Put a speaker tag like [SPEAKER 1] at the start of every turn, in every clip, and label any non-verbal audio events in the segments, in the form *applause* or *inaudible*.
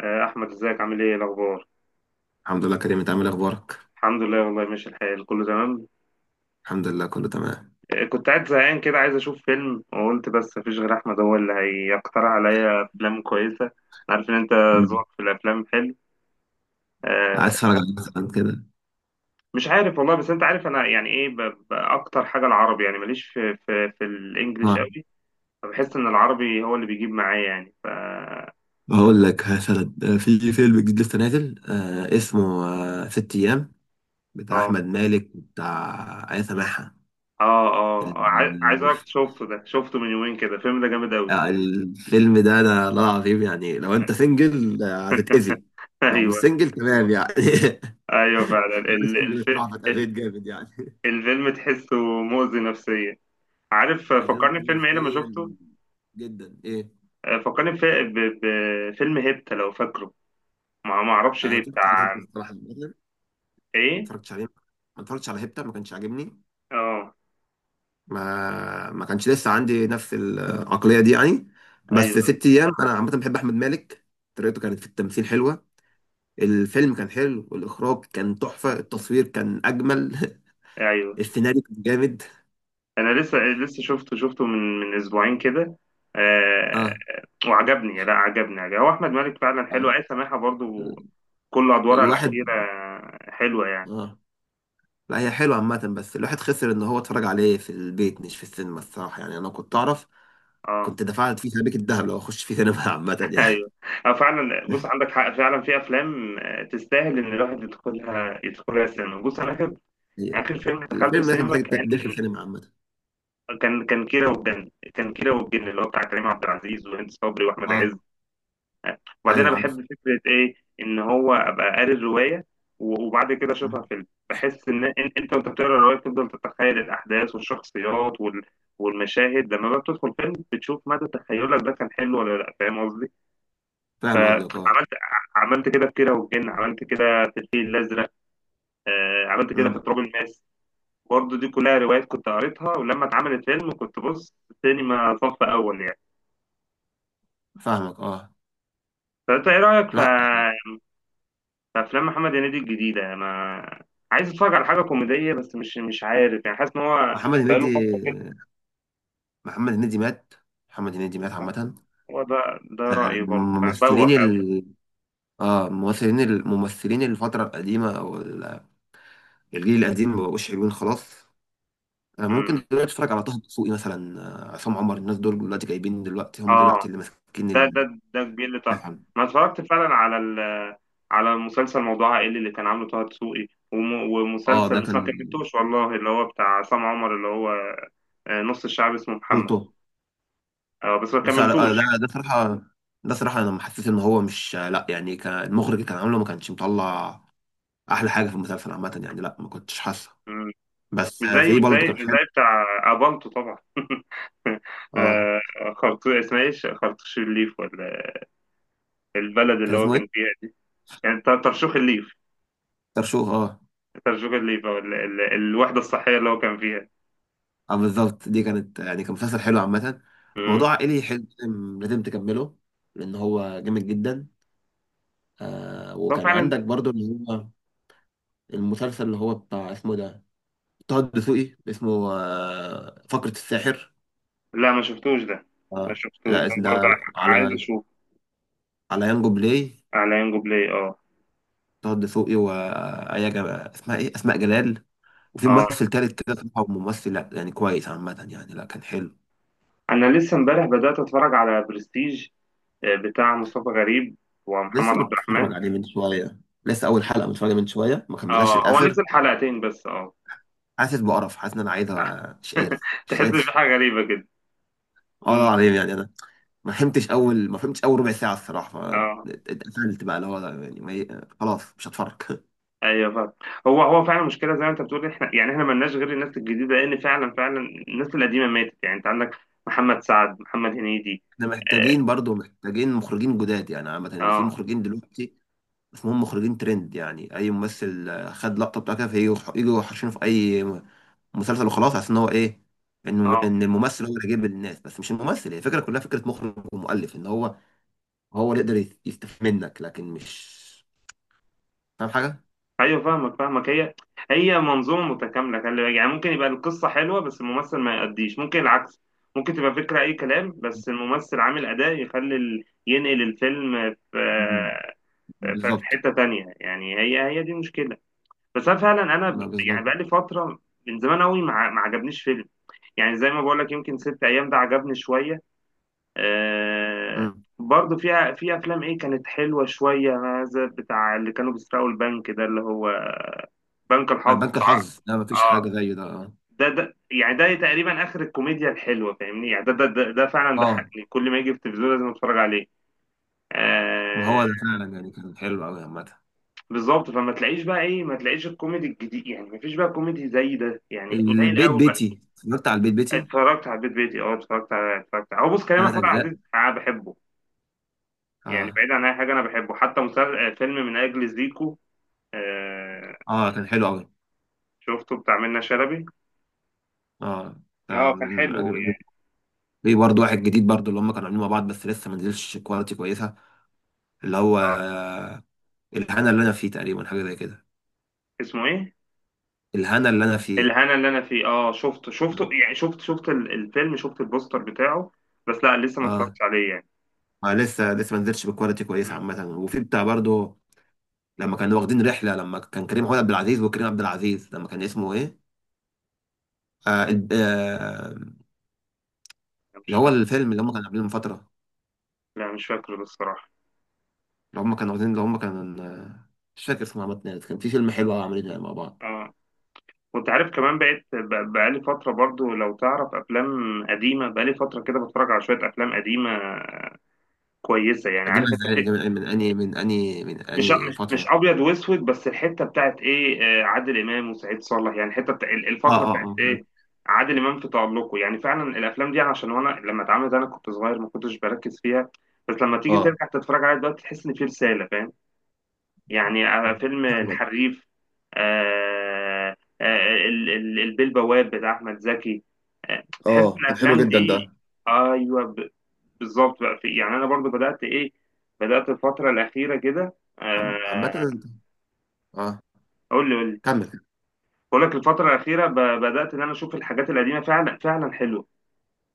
[SPEAKER 1] احمد ازيك عامل ايه؟ إيه الاخبار؟
[SPEAKER 2] الحمد لله كريم، انت عامل ايه؟ اخبارك؟
[SPEAKER 1] الحمد لله والله، ماشي الحال، كله تمام.
[SPEAKER 2] الحمد لله، كله تمام.
[SPEAKER 1] كنت قاعد زهقان كده، عايز اشوف فيلم، وقلت بس مفيش غير احمد هو اللي هيقترح عليا افلام كويسه. أنا عارف ان انت
[SPEAKER 2] مم.
[SPEAKER 1] ذوقك في الافلام حلو.
[SPEAKER 2] عايز
[SPEAKER 1] آه،
[SPEAKER 2] اتفرج على مثلا كده.
[SPEAKER 1] مش عارف والله، بس انت عارف انا يعني ايه، اكتر حاجه العربي، يعني ماليش في الانجليش
[SPEAKER 2] اه،
[SPEAKER 1] قوي. فبحس ان العربي هو اللي بيجيب معايا، يعني ف. اه
[SPEAKER 2] بقول لك مثلا، في فيلم جديد لسه نازل، اسمه ست ايام، بتاع
[SPEAKER 1] اه
[SPEAKER 2] احمد مالك وبتاع ايه، سماحه.
[SPEAKER 1] عايز اقولك،
[SPEAKER 2] ال-
[SPEAKER 1] شفته، ده شفته من يومين كده، الفيلم ده جامد قوي.
[SPEAKER 2] الفيلم ده، انا لا العظيم يعني لو انت سنجل هتتاذي.
[SPEAKER 1] *laughs*
[SPEAKER 2] لو مش
[SPEAKER 1] ايوه،
[SPEAKER 2] سنجل تمام يعني. *laughs*
[SPEAKER 1] ايوه فعلا.
[SPEAKER 2] انا سنجل بصراحه،
[SPEAKER 1] الفيلم
[SPEAKER 2] فاتاذيت جامد يعني.
[SPEAKER 1] الفيلم تحسه مؤذي نفسيا. عارف
[SPEAKER 2] *laughs* عشان
[SPEAKER 1] فكرني
[SPEAKER 2] مريض
[SPEAKER 1] بفيلم ايه لما
[SPEAKER 2] نفسيا
[SPEAKER 1] شفته؟
[SPEAKER 2] جدا، ايه.
[SPEAKER 1] فكرني بفيلم هيبتا، لو فاكره. ما اعرفش
[SPEAKER 2] انا
[SPEAKER 1] ليه،
[SPEAKER 2] طفت
[SPEAKER 1] بتاع
[SPEAKER 2] عليك الصراحه، ما
[SPEAKER 1] ايه.
[SPEAKER 2] اتفرجتش عليه. ما اتفرجتش على هيبتا، ما كانش عاجبني.
[SPEAKER 1] اه،
[SPEAKER 2] ما كانش لسه عندي نفس العقلية دي يعني.
[SPEAKER 1] ايوه
[SPEAKER 2] بس
[SPEAKER 1] ايوه
[SPEAKER 2] ست ايام، انا عامة بحب احمد مالك. طريقته كانت في التمثيل حلوة. الفيلم كان حلو، والاخراج كان تحفة، التصوير كان اجمل. *laughs*
[SPEAKER 1] ايوه.
[SPEAKER 2] السيناريو كان جامد.
[SPEAKER 1] انا لسه شفته من اسبوعين كده. آه
[SPEAKER 2] اه.
[SPEAKER 1] وعجبني، لا عجبني عجبني. هو احمد مالك فعلا حلو،
[SPEAKER 2] آه.
[SPEAKER 1] عايز سماحة برضو، كل ادوارها
[SPEAKER 2] الواحد.
[SPEAKER 1] الاخيرة حلوة يعني.
[SPEAKER 2] اه، لا هي حلوة عامة، بس الواحد خسر ان هو اتفرج عليه في البيت مش في السينما الصراحة يعني، انا كنت اعرف
[SPEAKER 1] اه.
[SPEAKER 2] كنت دفعت فيه سبيك الذهب لو اخش فيه سينما. *laughs* عامة
[SPEAKER 1] *laughs*
[SPEAKER 2] يعني.
[SPEAKER 1] ايوه. اه فعلا، بص عندك حق، فعلا في افلام تستاهل ان الواحد يدخلها السينما. بص انا
[SPEAKER 2] هي-
[SPEAKER 1] آخر فيلم دخلته
[SPEAKER 2] الفيلم ده كان
[SPEAKER 1] السينما
[SPEAKER 2] محتاج
[SPEAKER 1] كان
[SPEAKER 2] داخل سينما، عامة.
[SPEAKER 1] كان كان كيرة والجن كان كيرة والجن اللي هو بتاع كريم عبد العزيز وهند صبري وأحمد
[SPEAKER 2] اه.
[SPEAKER 1] عز. وبعدين
[SPEAKER 2] ايوه
[SPEAKER 1] أنا
[SPEAKER 2] عارف.
[SPEAKER 1] بحب فكرة إيه، إن هو أبقى قاري الرواية وبعد كده أشوفها
[SPEAKER 2] مم.
[SPEAKER 1] فيلم. بحس إن أنت وأنت بتقرا الرواية بتفضل تتخيل الأحداث والشخصيات والمشاهد، لما بقى بتدخل فيلم بتشوف مدى تخيلك ده كان حلو ولا لأ. فاهم قصدي؟
[SPEAKER 2] فاهم قصدك، اه.
[SPEAKER 1] فعملت عملت كده في كيرة والجن، عملت كده في الفيل الأزرق، عملت كده في
[SPEAKER 2] مم.
[SPEAKER 1] تراب الماس. برضه دي كلها روايات كنت قريتها، ولما اتعملت فيلم كنت بص سينما صف اول يعني.
[SPEAKER 2] فاهمك، اه.
[SPEAKER 1] فانت ايه رايك في
[SPEAKER 2] لا،
[SPEAKER 1] في افلام محمد هنيدي الجديده؟ ما عايز اتفرج على حاجه كوميديه، بس مش عارف، يعني حاسس ان هو
[SPEAKER 2] محمد
[SPEAKER 1] بقاله
[SPEAKER 2] هنيدي،
[SPEAKER 1] فتره كده.
[SPEAKER 2] محمد هنيدي مات. محمد هنيدي مات، عامة.
[SPEAKER 1] هو ده رايي برضه، فبوخ
[SPEAKER 2] ممثلين
[SPEAKER 1] قوي.
[SPEAKER 2] اه ممثلين الممثلين الفترة القديمة، الجيل القديم ما بقوش حلوين خلاص. ممكن
[SPEAKER 1] امم
[SPEAKER 2] دلوقتي اتفرج على طه دسوقي مثلا. عصام عمر، الناس دول دلوقتي جايبين، دلوقتي هم
[SPEAKER 1] اه،
[SPEAKER 2] دلوقتي اللي ماسكين
[SPEAKER 1] ده ده ده كبير اللي طلع. ما اتفرجت فعلا على مسلسل موضوع عائلي اللي كان عامله طه دسوقي،
[SPEAKER 2] اه
[SPEAKER 1] ومسلسل
[SPEAKER 2] ده
[SPEAKER 1] بس
[SPEAKER 2] كان
[SPEAKER 1] ما كملتوش والله، اللي هو بتاع عصام عمر، اللي هو نص الشعب اسمه محمد.
[SPEAKER 2] خلطه.
[SPEAKER 1] اه بس ما كملتوش
[SPEAKER 2] ده
[SPEAKER 1] يعني.
[SPEAKER 2] ده صراحة، أنا حسيت إن هو مش لأ يعني، كان المخرج اللي كان عامله ما كانش مطلع أحلى حاجة في المسلسل عامة يعني، لأ ما كنتش حاسه.
[SPEAKER 1] مم.
[SPEAKER 2] بس في برضه كان
[SPEAKER 1] مش
[SPEAKER 2] حلو.
[SPEAKER 1] زي بتاع ابانتو طبعا. *laughs*
[SPEAKER 2] أه.
[SPEAKER 1] آه، خرطوش اسمها ايه، خرطوش الليف، ولا البلد
[SPEAKER 2] كان
[SPEAKER 1] اللي هو
[SPEAKER 2] اسمه إيه؟
[SPEAKER 1] كان فيها دي، يعني
[SPEAKER 2] ترشوخ، أه.
[SPEAKER 1] ترشوخ الليف او الوحده الصحيه اللي هو كان فيها.
[SPEAKER 2] أه بالظبط، دي كانت يعني كان مسلسل حلو عامة.
[SPEAKER 1] مم.
[SPEAKER 2] موضوع عائلي حلو، لازم لازم تكمله. لأن هو جامد جدا.
[SPEAKER 1] بس هو
[SPEAKER 2] وكان
[SPEAKER 1] فعلا
[SPEAKER 2] عندك برضه اللي هو المسلسل اللي هو بتاع، اسمه إيه ده؟ طه الدسوقي اسمه فقرة الساحر.
[SPEAKER 1] لا، ما
[SPEAKER 2] أه،
[SPEAKER 1] شفتوش
[SPEAKER 2] لا
[SPEAKER 1] ده برضه،
[SPEAKER 2] ده
[SPEAKER 1] عايز
[SPEAKER 2] على،
[SPEAKER 1] اشوف.
[SPEAKER 2] على يانجو بلاي.
[SPEAKER 1] على ينجو بلاي. اه.
[SPEAKER 2] طه دسوقي وآية جب... اسمها ايه، اسماء جلال. وفي
[SPEAKER 1] اه،
[SPEAKER 2] ممثل تالت كده صراحة، ممثل لا يعني كويس عامة يعني، لا كان حلو.
[SPEAKER 1] انا لسه امبارح بدات اتفرج على برستيج، بتاع مصطفى غريب ومحمد
[SPEAKER 2] لسه
[SPEAKER 1] عبد الرحمن.
[SPEAKER 2] متفرج عليه من شوية. لسه أول حلقة متفرج عليه من شوية، ما كملتهاش
[SPEAKER 1] اه هو نزل
[SPEAKER 2] الآخر.
[SPEAKER 1] حلقتين بس. اه،
[SPEAKER 2] حاسس بقرف، حاسس إن أنا عايزها، مش قادر،
[SPEAKER 1] تحس
[SPEAKER 2] مش
[SPEAKER 1] ان في
[SPEAKER 2] قادر.
[SPEAKER 1] حاجه غريبه كده.
[SPEAKER 2] اه
[SPEAKER 1] مم.
[SPEAKER 2] العظيم يعني، أنا ما فهمتش أول ربع ساعة الصراحة.
[SPEAKER 1] اه
[SPEAKER 2] اتقفلت بقى اللي هو يعني، ما... ي- خلاص مش هتفرج. *laughs*
[SPEAKER 1] ايوه فعلا. هو فعلا مشكله، زي ما انت بتقول، احنا يعني، احنا مالناش غير الناس الجديده، لان فعلا فعلا الناس القديمه ماتت يعني، انت عندك محمد سعد، محمد هنيدي.
[SPEAKER 2] احنا
[SPEAKER 1] اه
[SPEAKER 2] محتاجين برضو، محتاجين مخرجين جداد يعني، عامة اللي في
[SPEAKER 1] اه.
[SPEAKER 2] مخرجين دلوقتي اسمهم مخرجين ترند يعني. اي ممثل خد لقطه بتاعته، فيجوا حاشينه في اي مسلسل وخلاص، عشان ان هو ايه، انه
[SPEAKER 1] آه.
[SPEAKER 2] ان الممثل هو اللي جايب الناس، بس مش الممثل، هي الفكره كلها فكره مخرج ومؤلف، ان هو اللي يقدر يستفيد منك، لكن مش فاهم حاجه.
[SPEAKER 1] ايوه فاهمك، هي منظومه متكامله، خلي بالك، يعني ممكن يبقى القصه حلوه بس الممثل ما يأديش، ممكن العكس، ممكن تبقى فكره اي كلام بس الممثل عامل اداء يخلي ينقل الفيلم في
[SPEAKER 2] مم.
[SPEAKER 1] في
[SPEAKER 2] بالظبط.
[SPEAKER 1] حته تانية يعني. هي دي مشكله. بس انا فعلا، انا
[SPEAKER 2] ما بالظبط.
[SPEAKER 1] يعني بقالي فتره من زمان قوي ما عجبنيش فيلم. يعني زي ما بقول لك، يمكن ست ايام ده عجبني شويه. آه
[SPEAKER 2] مم.
[SPEAKER 1] برضه في افلام ايه كانت حلوه شويه. هذا بتاع اللي كانوا بيسرقوا البنك ده، اللي هو بنك الحظ
[SPEAKER 2] بنك
[SPEAKER 1] بتاع.
[SPEAKER 2] الحظ ده ما فيش حاجه
[SPEAKER 1] اه
[SPEAKER 2] زيه، ده، اه.
[SPEAKER 1] ده يعني ده تقريبا اخر الكوميديا الحلوه، فاهمني يعني. ده فعلا
[SPEAKER 2] آه.
[SPEAKER 1] ضحكني، كل ما يجي في التلفزيون لازم اتفرج عليه.
[SPEAKER 2] ما
[SPEAKER 1] آه
[SPEAKER 2] هو ده فعلا يعني كان حلو قوي، عامه.
[SPEAKER 1] بالظبط. فما تلاقيش بقى ايه، ما تلاقيش الكوميدي الجديد يعني، ما فيش بقى كوميدي زي ده يعني، قليل
[SPEAKER 2] البيت
[SPEAKER 1] قوي.
[SPEAKER 2] بيتي، اتفرجت على البيت بيتي
[SPEAKER 1] اتفرجت على البيت بيتي. اه اتفرجت على، هو بص كريم
[SPEAKER 2] ثلاث
[SPEAKER 1] محمود عبد
[SPEAKER 2] اجزاء
[SPEAKER 1] العزيز انا بحبه، يعني
[SPEAKER 2] اه.
[SPEAKER 1] بعيد عن اي حاجه انا بحبه، حتى مسلسل فيلم من اجل زيكو. آه
[SPEAKER 2] اه كان حلو قوي.
[SPEAKER 1] شفته بتاع منة شلبي.
[SPEAKER 2] اه. ده
[SPEAKER 1] اه كان
[SPEAKER 2] من
[SPEAKER 1] حلو
[SPEAKER 2] اجل.
[SPEAKER 1] يعني.
[SPEAKER 2] في برضه واحد جديد برضه اللي هم كانوا عاملين مع بعض، بس لسه ما نزلش كواليتي كويسه، اللي هو الهنا اللي انا فيه تقريبا، حاجه زي كده.
[SPEAKER 1] اسمه ايه،
[SPEAKER 2] الهنا اللي انا فيه.
[SPEAKER 1] الهنا اللي انا فيه. اه شفته،
[SPEAKER 2] مم.
[SPEAKER 1] يعني شفت، الفيلم، شفت البوستر بتاعه، بس لا لسه ما
[SPEAKER 2] اه.
[SPEAKER 1] اتفرجتش عليه يعني.
[SPEAKER 2] ما لسه ما نزلش بكواليتي
[SPEAKER 1] مم،
[SPEAKER 2] كويسه عامه. وفي بتاع برضه، لما كانوا واخدين رحله، لما كان كريم محمود عبد العزيز وكريم عبد العزيز، لما كان اسمه ايه؟ آه الب- آه،
[SPEAKER 1] لا، مش
[SPEAKER 2] اللي هو
[SPEAKER 1] فاكر.
[SPEAKER 2] الفيلم اللي هم كانوا عاملينه من فتره،
[SPEAKER 1] لا، مش فاكره بالصراحه.
[SPEAKER 2] اللي هم كانوا واخدين، اللي هم كانوا مش فاكر اسمه عامة يعني. كان في فيلم حلو أوي عاملينه مع بعض.
[SPEAKER 1] اه، وانت عارف كمان بقيت بقالي فتره برضو، لو تعرف افلام قديمه. بقالي فتره كده بتفرج على شويه افلام قديمه كويسه يعني،
[SPEAKER 2] قديم
[SPEAKER 1] عارف انت، في
[SPEAKER 2] ازاي؟ من اني من اني من اني
[SPEAKER 1] مش
[SPEAKER 2] فتره؟
[SPEAKER 1] ابيض واسود، بس الحته بتاعت ايه، عادل امام وسعيد صالح، يعني الحته بتاع
[SPEAKER 2] اه،
[SPEAKER 1] الفتره بتاعت
[SPEAKER 2] اه، اه.
[SPEAKER 1] ايه، عادل امام في تألقه. يعني فعلا الافلام دي، عشان وانا لما اتعملت انا كنت صغير ما كنتش بركز فيها، بس لما تيجي
[SPEAKER 2] اه،
[SPEAKER 1] ترجع تتفرج عليها دلوقتي تحس ان في رساله، فاهم يعني. فيلم
[SPEAKER 2] فاهمك،
[SPEAKER 1] الحريف. آه البيه البواب بتاع احمد زكي. تحس ان
[SPEAKER 2] اه، كان حلو
[SPEAKER 1] الافلام
[SPEAKER 2] جدا
[SPEAKER 1] دي
[SPEAKER 2] ده.
[SPEAKER 1] ايوه، بالظبط بقى. في يعني، انا برضو بدات ايه، بدات الفتره الاخيره كده،
[SPEAKER 2] عامة انت، اه،
[SPEAKER 1] قول لي قول لي.
[SPEAKER 2] كمل.
[SPEAKER 1] بقول لك الفترة الأخيرة بدأت إن أنا أشوف الحاجات القديمة فعلا فعلا حلوة،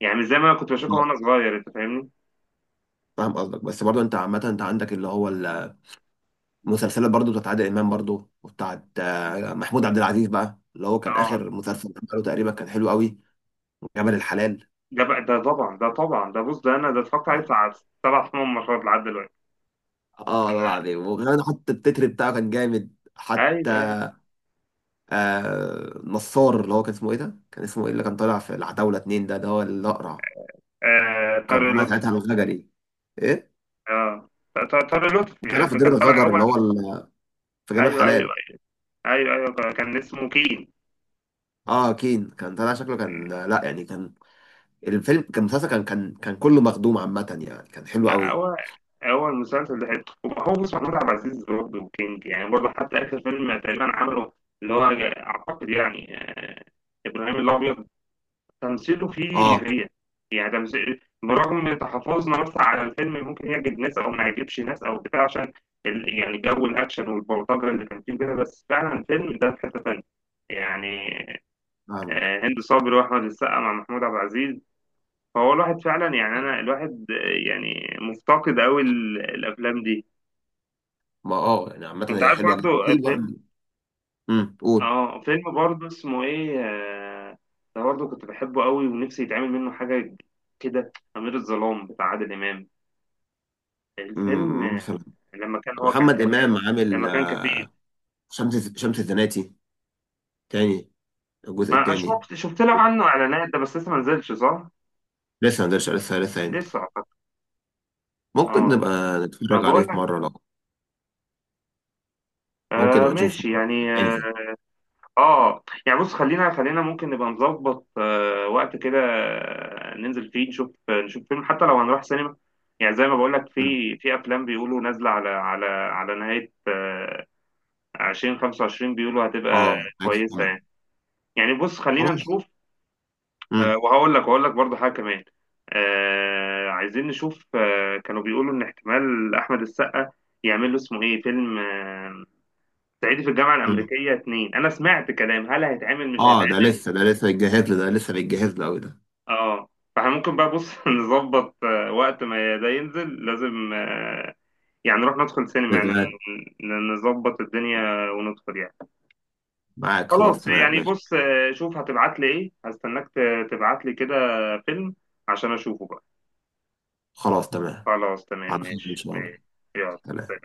[SPEAKER 1] يعني مش زي ما أنا كنت بشوفها
[SPEAKER 2] اه،
[SPEAKER 1] وأنا صغير. أنت فاهمني؟
[SPEAKER 2] فاهم قصدك، بس برضه انت عامة، انت عندك اللي هو المسلسلات برضه بتاعت عادل امام، برضه وبتاعت محمود عبد العزيز، بقى اللي هو كان
[SPEAKER 1] أه،
[SPEAKER 2] اخر مسلسل عمله تقريبا، كان حلو قوي. جبل الحلال.
[SPEAKER 1] ده بقى، ده طبعا، ده طبعا، ده بص، ده أنا ده اتفرجت عليه
[SPEAKER 2] اه.
[SPEAKER 1] بتاع 7 8 مرات لحد دلوقتي.
[SPEAKER 2] والله العظيم، وكمان حتى التتر بتاعه كان جامد
[SPEAKER 1] أيوه
[SPEAKER 2] حتى.
[SPEAKER 1] أيوه.
[SPEAKER 2] آه نصار، اللي هو كان اسمه ايه ده؟ كان اسمه ايه اللي كان طالع في العتاولة 2؟ ده هو الأقرع.
[SPEAKER 1] آه
[SPEAKER 2] كان
[SPEAKER 1] طارق
[SPEAKER 2] طالع
[SPEAKER 1] لطفي.
[SPEAKER 2] ساعتها الغجري، ايه؟
[SPEAKER 1] أه، طارق لطفي
[SPEAKER 2] طالع في
[SPEAKER 1] اللي
[SPEAKER 2] دير
[SPEAKER 1] كان طالع
[SPEAKER 2] الغجر، اللي
[SPEAKER 1] أول.
[SPEAKER 2] هو في جبل
[SPEAKER 1] أيوه أيوه
[SPEAKER 2] الحلال.
[SPEAKER 1] أيوه أيوه، كان اسمه كين.
[SPEAKER 2] اه كين، كان طالع شكله كان لا يعني كان. الفيلم كان مسلسل، كان كله مخدوم عامة يعني، كان حلو
[SPEAKER 1] لا،
[SPEAKER 2] قوي.
[SPEAKER 1] هو المسلسل ده حلو. هو بص، محمود عبد العزيز برضه كينج يعني، برضه حتى آخر فيلم تقريبا عمله، اللي هو أعتقد يعني ابراهيم الابيض، تمثيله فيه
[SPEAKER 2] اه
[SPEAKER 1] غير يعني، تمثيل برغم تحفظنا مثلا على الفيلم، ممكن يعجب ناس او ما يعجبش ناس، او بتاع، عشان يعني جو الاكشن والبلطجه اللي كان فيه كده، بس فعلا الفيلم ده في حته تانيه يعني.
[SPEAKER 2] فاهمك.
[SPEAKER 1] هند صبري واحمد السقا مع محمود عبد العزيز، فهو الواحد فعلا يعني، انا الواحد يعني مفتقد قوي الافلام دي.
[SPEAKER 2] ما اه يعني عامة،
[SPEAKER 1] انت
[SPEAKER 2] هي
[SPEAKER 1] عارف
[SPEAKER 2] حلوة
[SPEAKER 1] برضه
[SPEAKER 2] جدا، في برضه. قول.
[SPEAKER 1] فيلم برضه اسمه ايه، ده برضه كنت بحبه قوي ونفسي يتعمل منه حاجه كده، امير الظلام بتاع عادل امام، الفيلم
[SPEAKER 2] مثلا،
[SPEAKER 1] لما كان هو
[SPEAKER 2] محمد إمام عامل
[SPEAKER 1] لما كان كفيف.
[SPEAKER 2] شمس الزناتي تاني، الجزء
[SPEAKER 1] ما
[SPEAKER 2] التاني.
[SPEAKER 1] شفت، له عنه اعلانات ده، بس لسه ما نزلش صح؟
[SPEAKER 2] لسه ما نزلش، لسه يعني.
[SPEAKER 1] لسه اعتقد.
[SPEAKER 2] ممكن
[SPEAKER 1] اه،
[SPEAKER 2] نبقى
[SPEAKER 1] ما
[SPEAKER 2] نتفرج عليه
[SPEAKER 1] بقول
[SPEAKER 2] في
[SPEAKER 1] لك.
[SPEAKER 2] مرة لو. ممكن نبقى نشوف،
[SPEAKER 1] ماشي يعني. اه.
[SPEAKER 2] ننزل.
[SPEAKER 1] يعني بص، خلينا، ممكن نبقى نظبط وقت كده، ننزل فيه نشوف، فيلم، حتى لو هنروح سينما يعني، زي ما بقول لك
[SPEAKER 2] أمم.
[SPEAKER 1] في افلام بيقولوا نازله على نهايه 2025، بيقولوا هتبقى
[SPEAKER 2] اه عادي.
[SPEAKER 1] كويسه
[SPEAKER 2] تمام.
[SPEAKER 1] يعني. يعني بص خلينا
[SPEAKER 2] خلاص.
[SPEAKER 1] نشوف.
[SPEAKER 2] امم.
[SPEAKER 1] وهقول لك، برضه حاجه كمان. عايزين نشوف. كانوا بيقولوا ان احتمال احمد السقا يعمل له اسمه ايه، فيلم صعيدي في الجامعه
[SPEAKER 2] أمم.
[SPEAKER 1] الامريكيه 2. انا سمعت كلام، هل هيتعمل مش
[SPEAKER 2] اه، ده
[SPEAKER 1] هيتعمل؟
[SPEAKER 2] لسه، ده لسه بيتجهز له، ده لسه بيتجهز له قوي.
[SPEAKER 1] اه. فاحنا ممكن بقى، بص، *laughs* نظبط وقت ما ده ينزل لازم يعني نروح ندخل سينما يعني،
[SPEAKER 2] ده،
[SPEAKER 1] نظبط الدنيا وندخل يعني.
[SPEAKER 2] معاك، خلاص
[SPEAKER 1] خلاص
[SPEAKER 2] تمام
[SPEAKER 1] يعني،
[SPEAKER 2] ماشي.
[SPEAKER 1] بص، شوف هتبعت لي ايه، هستناك تبعت لي كده فيلم عشان اشوفه بقى.
[SPEAKER 2] خلاص تمام.
[SPEAKER 1] خلاص تمام،
[SPEAKER 2] على خير إن
[SPEAKER 1] ماشي
[SPEAKER 2] شاء الله.
[SPEAKER 1] ماشي. يلا.
[SPEAKER 2] سلام.